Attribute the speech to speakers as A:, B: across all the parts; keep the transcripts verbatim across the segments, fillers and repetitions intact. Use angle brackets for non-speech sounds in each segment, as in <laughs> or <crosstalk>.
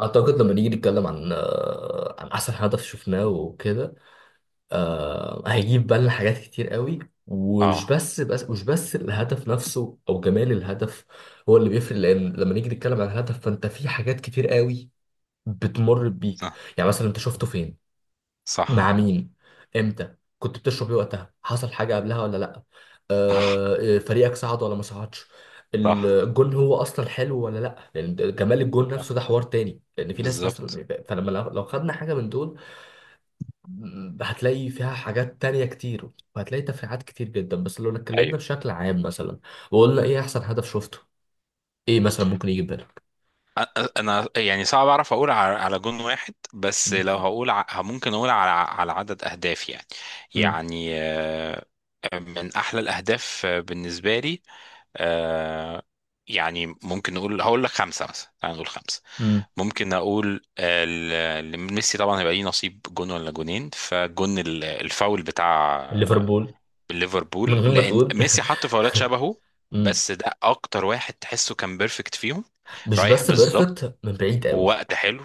A: اعتقد لما نيجي نتكلم عن آه، عن احسن هدف شفناه وكده. آه، هيجيب بالنا حاجات كتير قوي. ومش
B: اه،
A: بس بس مش بس الهدف نفسه او جمال الهدف هو اللي بيفرق، لان لما نيجي نتكلم عن الهدف، فانت في حاجات كتير قوي بتمر بيك.
B: صح،
A: يعني مثلا، انت شفته فين،
B: صح،
A: مع مين، امتى، كنت بتشرب ايه وقتها، حصل حاجه قبلها ولا لا،
B: صح،
A: آه، آه، فريقك صعد ولا ما صعدش.
B: صح،
A: الجون هو اصلا حلو ولا لا، لان جمال الجون
B: آه،
A: نفسه ده حوار تاني. لان في ناس
B: بالظبط،
A: مثلا، فلما لو لو خدنا حاجه من دول م- هتلاقي فيها حاجات تانية كتير، وهتلاقي تفريعات كتير جدا. بس لو اتكلمنا
B: ايوه.
A: بشكل عام مثلا، وقلنا ايه احسن هدف شفته، ايه مثلا ممكن يجي في بالك؟
B: أ- أ- انا يعني صعب اعرف اقول على على جون واحد، بس لو
A: م-
B: هقول ع- ممكن اقول على على عدد اهداف يعني.
A: م-
B: يعني آه، من احلى الاهداف آه، بالنسبه لي. آه، يعني ممكن نقول، هقول لك خمسه مثلا، تعال نقول خمسه.
A: م.
B: ممكن اقول آه، ل- لميسي طبعا هيبقى ليه نصيب جون ولا جونين. فجون ال- الفاول بتاع
A: ليفربول. من
B: ليفربول،
A: غير ما
B: لان
A: تقول
B: ميسي
A: <laughs>
B: حط فاولات شبهه،
A: م.
B: بس ده اكتر واحد تحسه كان بيرفكت فيهم.
A: مش
B: رايح
A: بس
B: بالظبط،
A: بيرفكت من بعيد قوي.
B: ووقت حلو،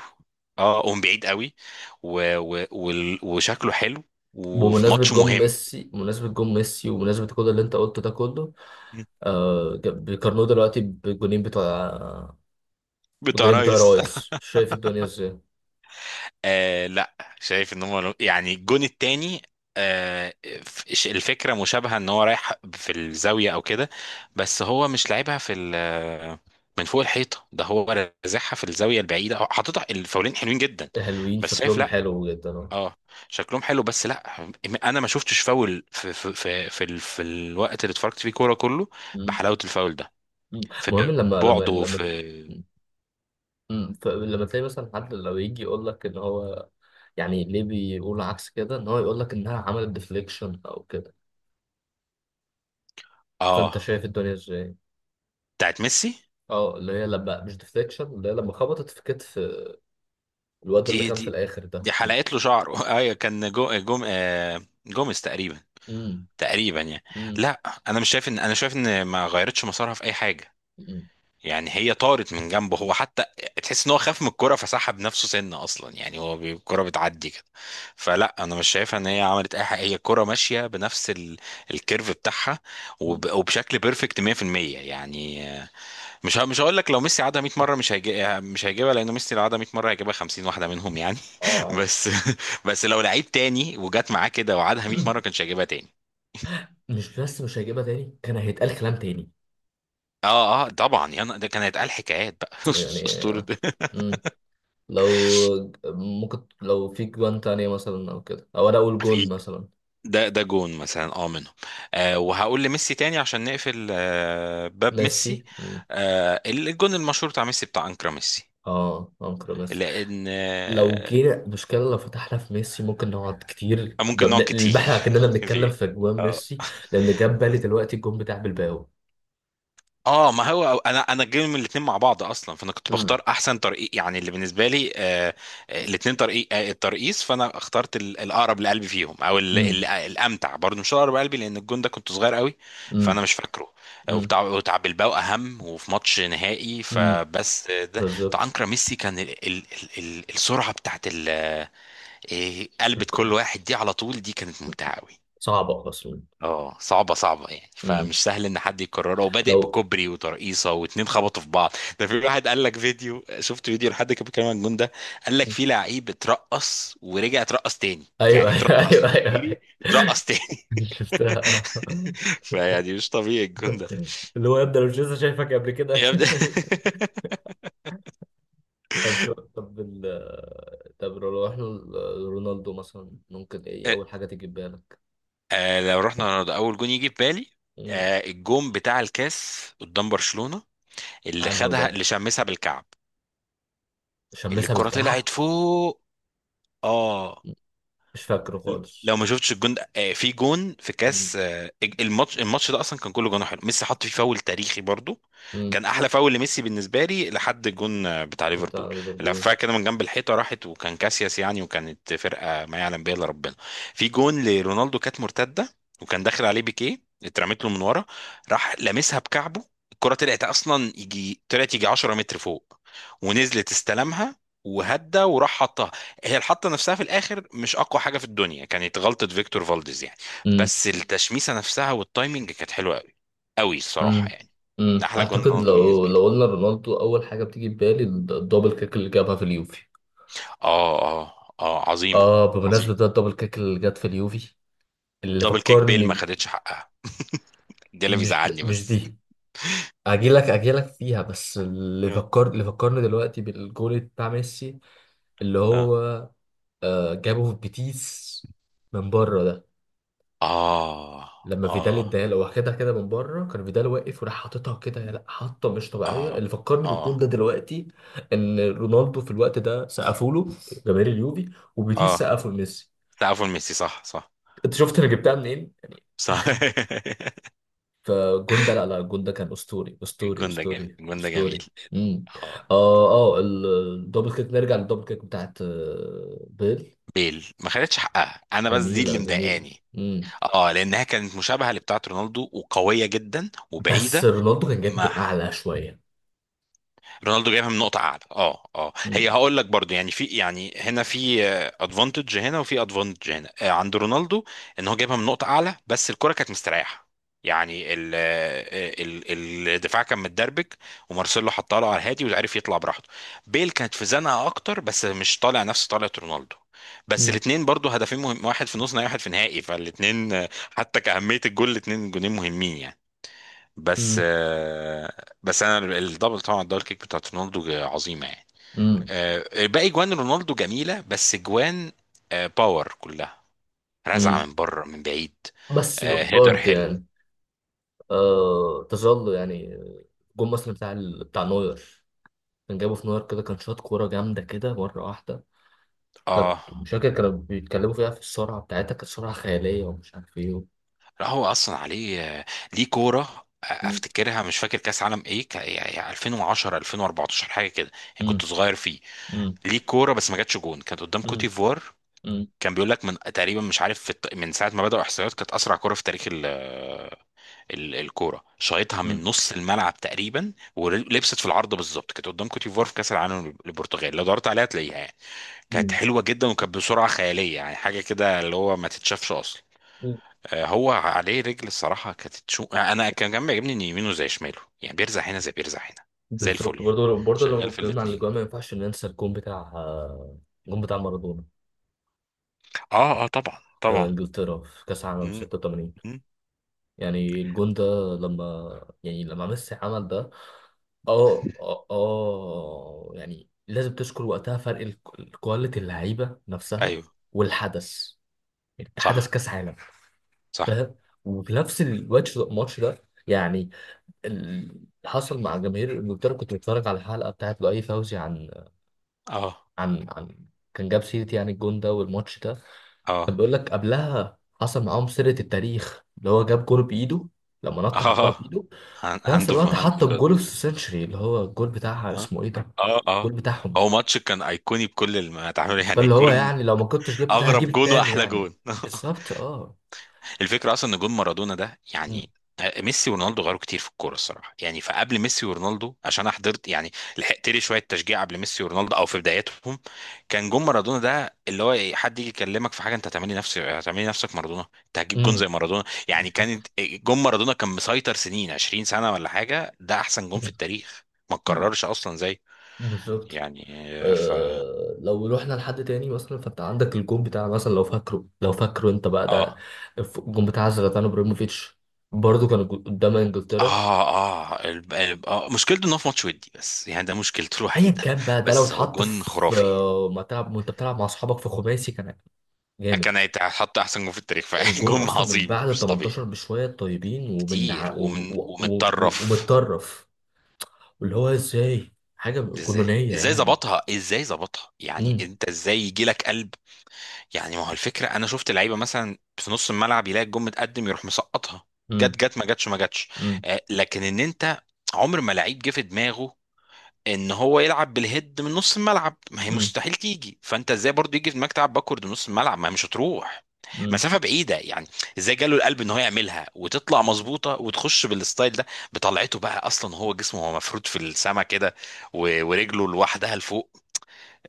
B: اه قوم بعيد قوي، و... و... وال- وشكله حلو، وفي
A: بمناسبة
B: ماتش
A: جون
B: مهم.
A: ميسي، بمناسبة جون ميسي ومناسبة كل اللي انت قلته ده كله،
B: <laughs>
A: آه ج- بيقارنوه دلوقتي بالجونين بتوع،
B: بتاع
A: بالجونين بتوع
B: رايس.
A: رايس. شايف الدنيا ازاي؟
B: آه لا، شايف ان هم يعني الجون التاني. آه، ف- الفكره مشابهه، ان هو رايح في الزاويه او كده، بس هو مش لعبها في ال- من فوق الحيطه. ده هو رازعها في الزاويه البعيده، هو حاططها، الفاولين حلوين جدا.
A: حلوين،
B: بس شايف
A: شكلهم
B: لا،
A: حلو جدا اه.
B: اه شكلهم حلو بس لا. انا ما شفتش فاول في في في في, ال- في الوقت اللي اتفرجت فيه كوره كله
A: مم.
B: بحلاوه الفاول ده.
A: مم. مهم
B: في،
A: لما لما
B: بعده في
A: لما مم. ف- لما تلاقي مثلا حد لو يجي يقول لك ان هو، يعني ليه بيقول عكس كده، ان هو يقول لك انها عملت ديفليكشن او كده. فانت
B: اه
A: شايف الدنيا ازاي؟
B: بتاعت ميسي.
A: اه، اللي هي لما مش ديفليكشن، اللي هي لما خبطت في كتف الواد اللي
B: دي
A: كان في
B: دي
A: الاخر ده.
B: دي حلقت له شعره. <laughs> ايوه كان جو جوم آه، جوميز تقريبا، تقريبا يعني.
A: مم.
B: لا، انا مش شايف ان انا شايف ان ما غيرتش مسارها في اي حاجه،
A: مم.
B: يعني هي طارت من جنبه هو حتى. تحس ان هو خاف من الكرة فسحب نفسه سنه اصلا، يعني هو بي- الكرة بتعدي كده. فلا انا مش شايفها ان هي عملت اي حاجه، هي الكرة ماشيه بنفس ال... الكيرف بتاعها
A: مم.
B: وب... وبشكل بيرفكت مية في المية. يعني آه، مش ه... مش هقول لك لو ميسي عادها مية مره مش هيجي... مش هيجيبها، لان ميسي لو عادها مية مره هيجيبها خمسين واحده منهم يعني.
A: اه عارف.
B: بس <laughs> بس لو لعيب تاني وجات معاه كده وعادها مية مره
A: <clears throat>
B: كانش هيجيبها تاني.
A: مش بس مش هيجيبها تاني، كان هيتقال كلام تاني
B: اه اه طبعا، يا نا- ده كان هيتقال حكايات بقى. <laughs>
A: يعني.
B: اسطوره.
A: مم. لو ممكن لو في جوان تانية مثلا او كده، او انا اقول جون
B: في
A: مثلا،
B: ده ده جون مثلا اه منهم. آه، وهقول لميسي تاني عشان نقفل آه باب
A: ميسي.
B: ميسي.
A: مم.
B: آه، الجون المشهور بتاع ميسي، بتاع انكرا ميسي.
A: اه انكر ميسي.
B: لان
A: لو
B: آه،
A: جينا مشكلة، لو فتحنا في ميسي ممكن نقعد كتير
B: ممكن
A: ببن-
B: نقعد كتير
A: البحر،
B: <laughs>
A: كأننا
B: نقعد
A: بنتكلم
B: كتير.
A: في جوان ميسي. لأن جاب بالي دلوقتي الجون بتاع بلباو.
B: اه ما هو انا انا جاي من الاثنين مع بعض اصلا، فانا كنت
A: مم.
B: بختار احسن طريق يعني اللي بالنسبه لي آه الاثنين طريق آه الترقيص. فانا اخترت ال- الاقرب لقلبي فيهم، او ال- ال-
A: مم.
B: الامتع برضه، مش اقرب لقلبي لان الجون ده كنت صغير قوي. فانا
A: مم.
B: مش فاكره. آه،
A: مم.
B: وبتاع، وبتاع بلباو اهم وفي ماتش نهائي.
A: مم.
B: فبس آه، ده بتاع
A: بالظبط.
B: انكر ميسي، كان ال ال ال ال- السرعه بتاعت ال- آه، قلبة
A: الك-
B: كل واحد دي على طول، دي كانت ممتعه قوي.
A: صعبة أصلا.
B: اه صعبة، صعبة يعني،
A: مم.
B: فمش سهل ان حد يكررها، وبادئ
A: لو
B: بكوبري وترقيصة واتنين خبطوا في بعض. ده في واحد قال لك، فيديو شفت فيديو لحد كان بيتكلم عن الجون ده، قال لك في لعيب اترقص ورجع اترقص تاني،
A: ايوه
B: يعني
A: ايوه
B: اترقص
A: ايوه ايوه،
B: وجري
A: أيوة.
B: اترقص تاني.
A: <laughs> شفتها
B: <laughs>
A: اه.
B: فيعني مش طبيعي الجون ده.
A: اللي هو يبدأ لو جيسا شايفك قبل كده.
B: يبدأ.
A: <laughs> طب شو طب ال طب لو احنا، رونالدو مثلا ممكن
B: <laughs>
A: ايه
B: آه،
A: اول حاجة تيجي في بالك؟
B: آه، لو رحنا رونالدو، اول جون يجي في بالي
A: مم.
B: آه، الجون بتاع الكاس قدام برشلونة، اللي
A: انهو
B: خدها
A: ده؟
B: اللي شمسها بالكعب، اللي
A: شمسها
B: الكرة
A: بالكعب؟
B: طلعت فوق. اه
A: مم. مش فاكره خالص.
B: لو ما شفتش الجون ده آه، في جون في
A: مم.
B: كاس آه، الماتش الماتش ده اصلا كان كله جون حلو، ميسي حط فيه فاول تاريخي برضو،
A: مم.
B: كان احلى فاول لميسي بالنسبه لي لحد الجون آه، بتاع ليفربول.
A: بتاع ليفربول.
B: لفها كده من جنب الحيطه، راحت، وكان كاسياس يعني، وكانت فرقه ما يعلم بها الا ربنا. في جون لرونالدو كانت مرتده، وكان داخل عليه بيكيه، اترمت له من ورا، راح لامسها بكعبه. الكره طلعت اصلا يجي، طلعت يجي عشرة متر فوق، ونزلت استلمها، وهدى وراح حطها. هي الحطة نفسها في الآخر مش أقوى حاجة في الدنيا، كانت غلطة فيكتور فالديز يعني،
A: مم.
B: بس التشميسة نفسها والتايمنج كانت حلوة أوي، أوي الصراحة
A: مم.
B: يعني. ده
A: مم.
B: أحلى جون
A: اعتقد
B: رونالدو
A: لو
B: بالنسبة لي.
A: لو قلنا رونالدو اول حاجة بتيجي في بالي، الدبل كيك اللي جابها في اليوفي.
B: آه آه، آه عظيمة،
A: اه، بمناسبة
B: عظيمة.
A: ده الدبل كيك اللي جت في اليوفي، اللي
B: دبل كيك بيل ما
A: فكرني،
B: خدتش حقها، ده اللي
A: مش د-
B: بيزعلني
A: مش
B: بس.
A: دي. اجيلك اجيلك فيها، بس اللي
B: آه.
A: فكر اللي فكرني دلوقتي بالجول بتاع ميسي، اللي
B: آه،
A: هو آه، جابه في بيتيس، من بره ده.
B: آه،
A: لما فيدال
B: آه،
A: اداها له، واخدها كده من بره، كان فيدال واقف وراح حاططها كده يا لا، حاطه مش طبيعيه.
B: آه،
A: اللي فكرني بالجول
B: آه،
A: ده دلوقتي ان رونالدو في الوقت ده سقفوا له جماهير اليوفي، وبيتيس
B: آه،
A: سقفوا لميسي.
B: تعرفوا ميسي، صح، صح،
A: انت شفت انا جبتها منين؟
B: صح. <laughs>
A: فجون ده، لا لا، جون ده كان اسطوري، اسطوري،
B: الجون ده جامد،
A: اسطوري،
B: الجون ده جميل.
A: اسطوري. امم.
B: آه
A: اه اه ال- الدبل كيك، نرجع للدبل كيك بتاعت آه، بيل.
B: بيل ما خدتش حقها أنا، بس دي اللي
A: جميله، جميله.
B: مضايقاني.
A: امم.
B: اه لانها كانت مشابهه لبتاعه رونالدو وقويه جدا
A: بس
B: وبعيده.
A: رونالدو كان جايبها
B: ما،
A: من اعلى شويه.
B: رونالدو جايبها من نقطة أعلى، اه اه،
A: امم.
B: هي هقول لك برضو، يعني في، يعني هنا في ادفانتج، هنا وفي ادفانتج هنا آه، عند رونالدو، ان هو جايبها من نقطة أعلى، بس الكرة كانت مستريحة. يعني ال آه، ال ال- الدفاع كان متدربك، ومارسيلو حطها له على الهادي وعرف يطلع براحته. بيل كانت في زنقة أكتر، بس مش طالع نفس طلعة رونالدو. بس
A: امم.
B: الاثنين برضو هدفين مهم، واحد في نص نهائي واحد في نهائي، فالاثنين حتى كأهمية الجول الاثنين جونين مهمين يعني. بس
A: امم.
B: آه، بس انا الدبل، طبعا الدبل كيك بتاعت رونالدو عظيمه يعني.
A: امم.
B: آه، باقي جوان رونالدو جميله، بس جوان آه، باور كلها، رزعه
A: أمم.
B: من بره من بعيد.
A: بس
B: آه، هيدر
A: برضه
B: حلو.
A: يعني، آه تظل يعني الجون مثلا بتاع ال- بتاع نوير، كان جابه في نوير كده، كان شاط كوره جامده كده مره واحده، كانت
B: اه
A: مش فاكر كانوا بيتكلموا فيها في السرعه بتاعتها، كانت سرعه خياليه ومش عارف ايه.
B: لا هو اصلا عليه آه، ليه كوره. آه، افتكرها، مش فاكر كاس عالم ايه، ك- يعني الفين وعشرة الفين واربعتاشر حاجه كده يعني،
A: مم.
B: كنت صغير فيه.
A: مم.
B: ليه كوره بس ما جاتش جون، كانت قدام كوت
A: مم.
B: ديفوار.
A: مم.
B: كان بيقول لك من تقريبا، مش عارف في الط- من ساعه ما بداوا احصائيات كانت اسرع كوره في تاريخ ال- الكوره، شايطها من
A: مم.
B: نص الملعب تقريبا ولبست في العارضه بالظبط، كانت قدام كوت ديفوار في كاس العالم للبرتغال، لو دورت عليها هتلاقيها يعني. كانت
A: مم.
B: حلوه جدا وكانت بسرعه خياليه، يعني حاجه كده اللي هو ما تتشافش اصلا.
A: مم.
B: آه، هو عليه رجل الصراحه، كانت تشو... آه، انا كان كان بيعجبني ان يمينه زي شماله يعني، بيرزع هنا زي بيرزع هنا، زي
A: بالظبط.
B: الفل
A: برضه لو برضه لو
B: شغال في
A: اتكلمنا عن
B: الاثنين.
A: الاجوان ما ينفعش ننسى الجون بتاع، آه، الجون بتاع مارادونا
B: اه اه طبعا،
A: في
B: طبعا.
A: انجلترا، في كاس العالم
B: مم.
A: ستة وثمانين.
B: مم.
A: يعني الجون ده، لما، يعني لما ميسي عمل ده، اه اه، آه، يعني لازم تذكر وقتها فرق الك- الكواليتي، اللعيبه نفسها
B: ايوه
A: والحدث. يعني حدث
B: صح
A: كاس عالم،
B: صح.
A: فاهم؟ وفي نفس الوقت الماتش ده يعني، اللي حصل مع جماهير انجلترا. كنت بتفرج على الحلقه بتاعت لؤي فوزي عن
B: اه
A: عن عن، كان جاب سيرة يعني الجون ده والماتش ده. كان
B: اه
A: بيقول لك قبلها حصل معاهم سيرة التاريخ، اللي هو جاب جول بايده، لما نط
B: اه.
A: حطها
B: <laughs>
A: بايده. في
B: هاند
A: نفس
B: اوف،
A: الوقت
B: هاند
A: حط
B: اوف.
A: الجول في السنشري، اللي هو الجول بتاعها
B: اه
A: اسمه ايه ده،
B: اه اه.
A: الجول بتاعهم ده.
B: هو ماتش كان ايقوني بكل المتعامل يعني،
A: فاللي هو
B: جون،
A: يعني لو ما كنتش جبت ده هجيب
B: اغرب جون
A: التاني
B: واحلى
A: يعني،
B: جون. <laughs>
A: بالظبط اه.
B: الفكره اصلا ان جون مارادونا ده
A: امم،
B: يعني، ميسي ورونالدو غيروا كتير في الكوره الصراحه يعني، فقبل ميسي ورونالدو عشان انا حضرت يعني، لحقت لي شويه تشجيع قبل ميسي ورونالدو او في بداياتهم. كان جون مارادونا ده اللي هو إيه، حد يجي يكلمك في حاجه انت هتعملي نفسك، هتعملي نفسك مارادونا، انت هتجيب جون زي
A: امم،
B: مارادونا يعني. كانت
A: بالظبط.
B: جون مارادونا كان مسيطر سنين، عشرين سنه ولا حاجه، ده احسن جون في التاريخ، ما
A: <clears throat> مم.
B: اتكررش اصلا زي.
A: بالظبط.
B: يعني، ف،
A: آه، لو روحنا لحد تاني مثلا، فانت عندك الجون بتاع مثلا، لو فاكره، لو فاكره انت بقى ده،
B: اه
A: الجون بتاع زلاتان ابراهيموفيتش. برضه كان جو- قدام انجلترا.
B: اه اه الب... الب... اه مشكلته ان هو في ماتش ودي بس، يعني ده مشكلته <laughs>
A: ايا
B: الوحيده،
A: كان بقى ده، لو
B: بس هو
A: اتحط
B: جون
A: في
B: خرافي،
A: آه، ما تلعب، وانت بتلعب مع اصحابك في خماسي، كان جامد.
B: كان هيتحط احسن جون في التاريخ فعلا. <laughs>
A: الجون
B: جون
A: اصلا من
B: عظيم
A: بعد ال
B: مش
A: تمنتاشر
B: طبيعي،
A: بشويه طيبين، ومن
B: كتير
A: ع- و-
B: ومن
A: و- و- و-
B: ومتطرف.
A: ومتطرف. واللي هو ازاي، حاجه
B: ازاي
A: جنونيه
B: ازاي
A: يعني.
B: ظبطها، ازاي ظبطها يعني،
A: امم.
B: انت ازاي يجي لك قلب. يعني ما هو الفكره، انا شفت لعيبه مثلا في نص الملعب يلاقي الجون متقدم يروح مسقطها، جت
A: امم.
B: جت ما جتش ما جتش. آه لكن ان انت، عمر ما لعيب جه في دماغه ان هو يلعب بالهيد من نص الملعب، ما هي
A: امم.
B: مستحيل تيجي. فانت ازاي برضو يجي في دماغك تلعب باكورد من نص الملعب، ما هي مش هتروح
A: امم.
B: مسافه بعيده يعني. ازاي جاله القلب ان هو يعملها وتطلع مظبوطه وتخش بالستايل ده. بطلعته بقى، اصلا هو جسمه هو مفروض في السما كده، و- ورجله لوحدها لفوق،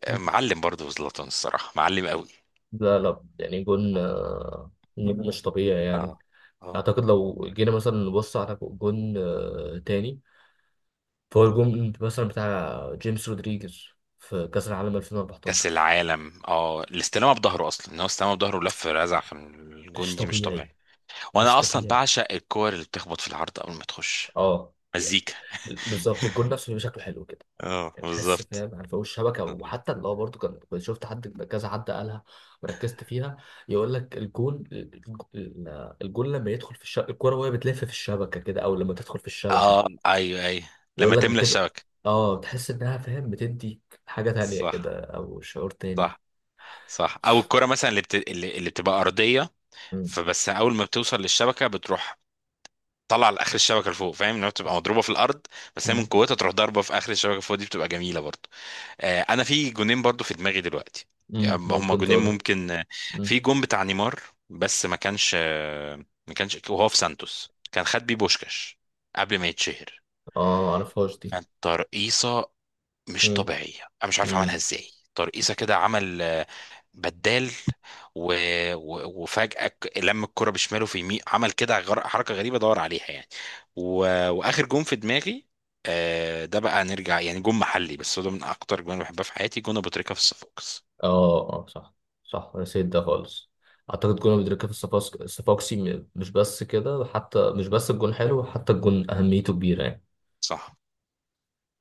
B: معلم برضو زلاتان الصراحه، معلم قوي.
A: لا لا يعني جون، آه، جون مش طبيعي يعني.
B: اه اه.
A: اعتقد لو جينا مثلا نبص على جون آه، تاني. فهو الجون مثلا بتاع جيمس رودريجيز في كأس العالم
B: كاس
A: ألفين واربعتاشر.
B: العالم، اه الاستلامه بظهره، اصلا ان هو استلامه بظهره ولف رزع في
A: مش
B: الجون، دي مش
A: طبيعي،
B: طبيعي.
A: مش
B: وانا اصلا
A: طبيعي.
B: بعشق الكور اللي بتخبط في العرض قبل ما تخش،
A: اه يعني،
B: مزيكا.
A: بالظبط، الجون نفسه بيبقى شكله حلو كده
B: اه
A: يعني. تحس،
B: بالظبط.
A: فاهم، عارف، فوق الشبكه. وحتى اللي هو برضه، كان كنت شفت حد، كذا حد قالها وركزت فيها. يقول لك الجون الجون لما يدخل في الشبكه، الكوره وهي بتلف في الشبكه كده، او لما تدخل في
B: اه
A: الشبكه
B: ايوه، ايوه.
A: يقول
B: لما
A: لك
B: تملى
A: بتبقى،
B: الشبكه.
A: اه، تحس انها، فاهم، بتدي حاجة تانية
B: صح،
A: كده، او شعور تاني.
B: صح، صح. او الكره مثلا اللي بت... اللي اللي بتبقى ارضيه،
A: مم.
B: فبس اول ما بتوصل للشبكه بتروح طالعه لاخر الشبكه لفوق. فاهم انها بتبقى مضروبه في الارض، بس هي من
A: مم.
B: قوتها تروح ضاربه في اخر الشبكه فوق، دي بتبقى جميله برضو. آه انا في جونين برضو في دماغي دلوقتي، يعني
A: مم.
B: هما
A: ممكن
B: جونين
A: تقوله.
B: ممكن.
A: مم.
B: في جون بتاع نيمار، بس ما كانش آه، ما كانش، وهو في سانتوس كان خد بيه بوشكاش، قبل ما يتشهر.
A: اه معرفهاش دي.
B: كانت ترقيصه مش
A: مم.
B: طبيعية، أنا مش عارف عملها
A: مم.
B: إزاي، ترقيصة كده، عمل آه، بدال، و... و... وفجأة ك- لم الكرة بشماله في يمين، عمل كده غر... حركة غريبة دور عليها يعني. و... وآخر جون في دماغي آه، ده بقى نرجع يعني جون محلي، بس هو ده من أكتر جون بحبها في حياتي، جون أبو تريكة في الصفاقس.
A: اه اه صح، صح نسيت ده خالص. اعتقد كنا بندركها في الصفاقس- الصفاقسي، م- مش بس كده، حتى مش بس الجون حلو، حتى الجون اهميته كبيرة يعني.
B: صح.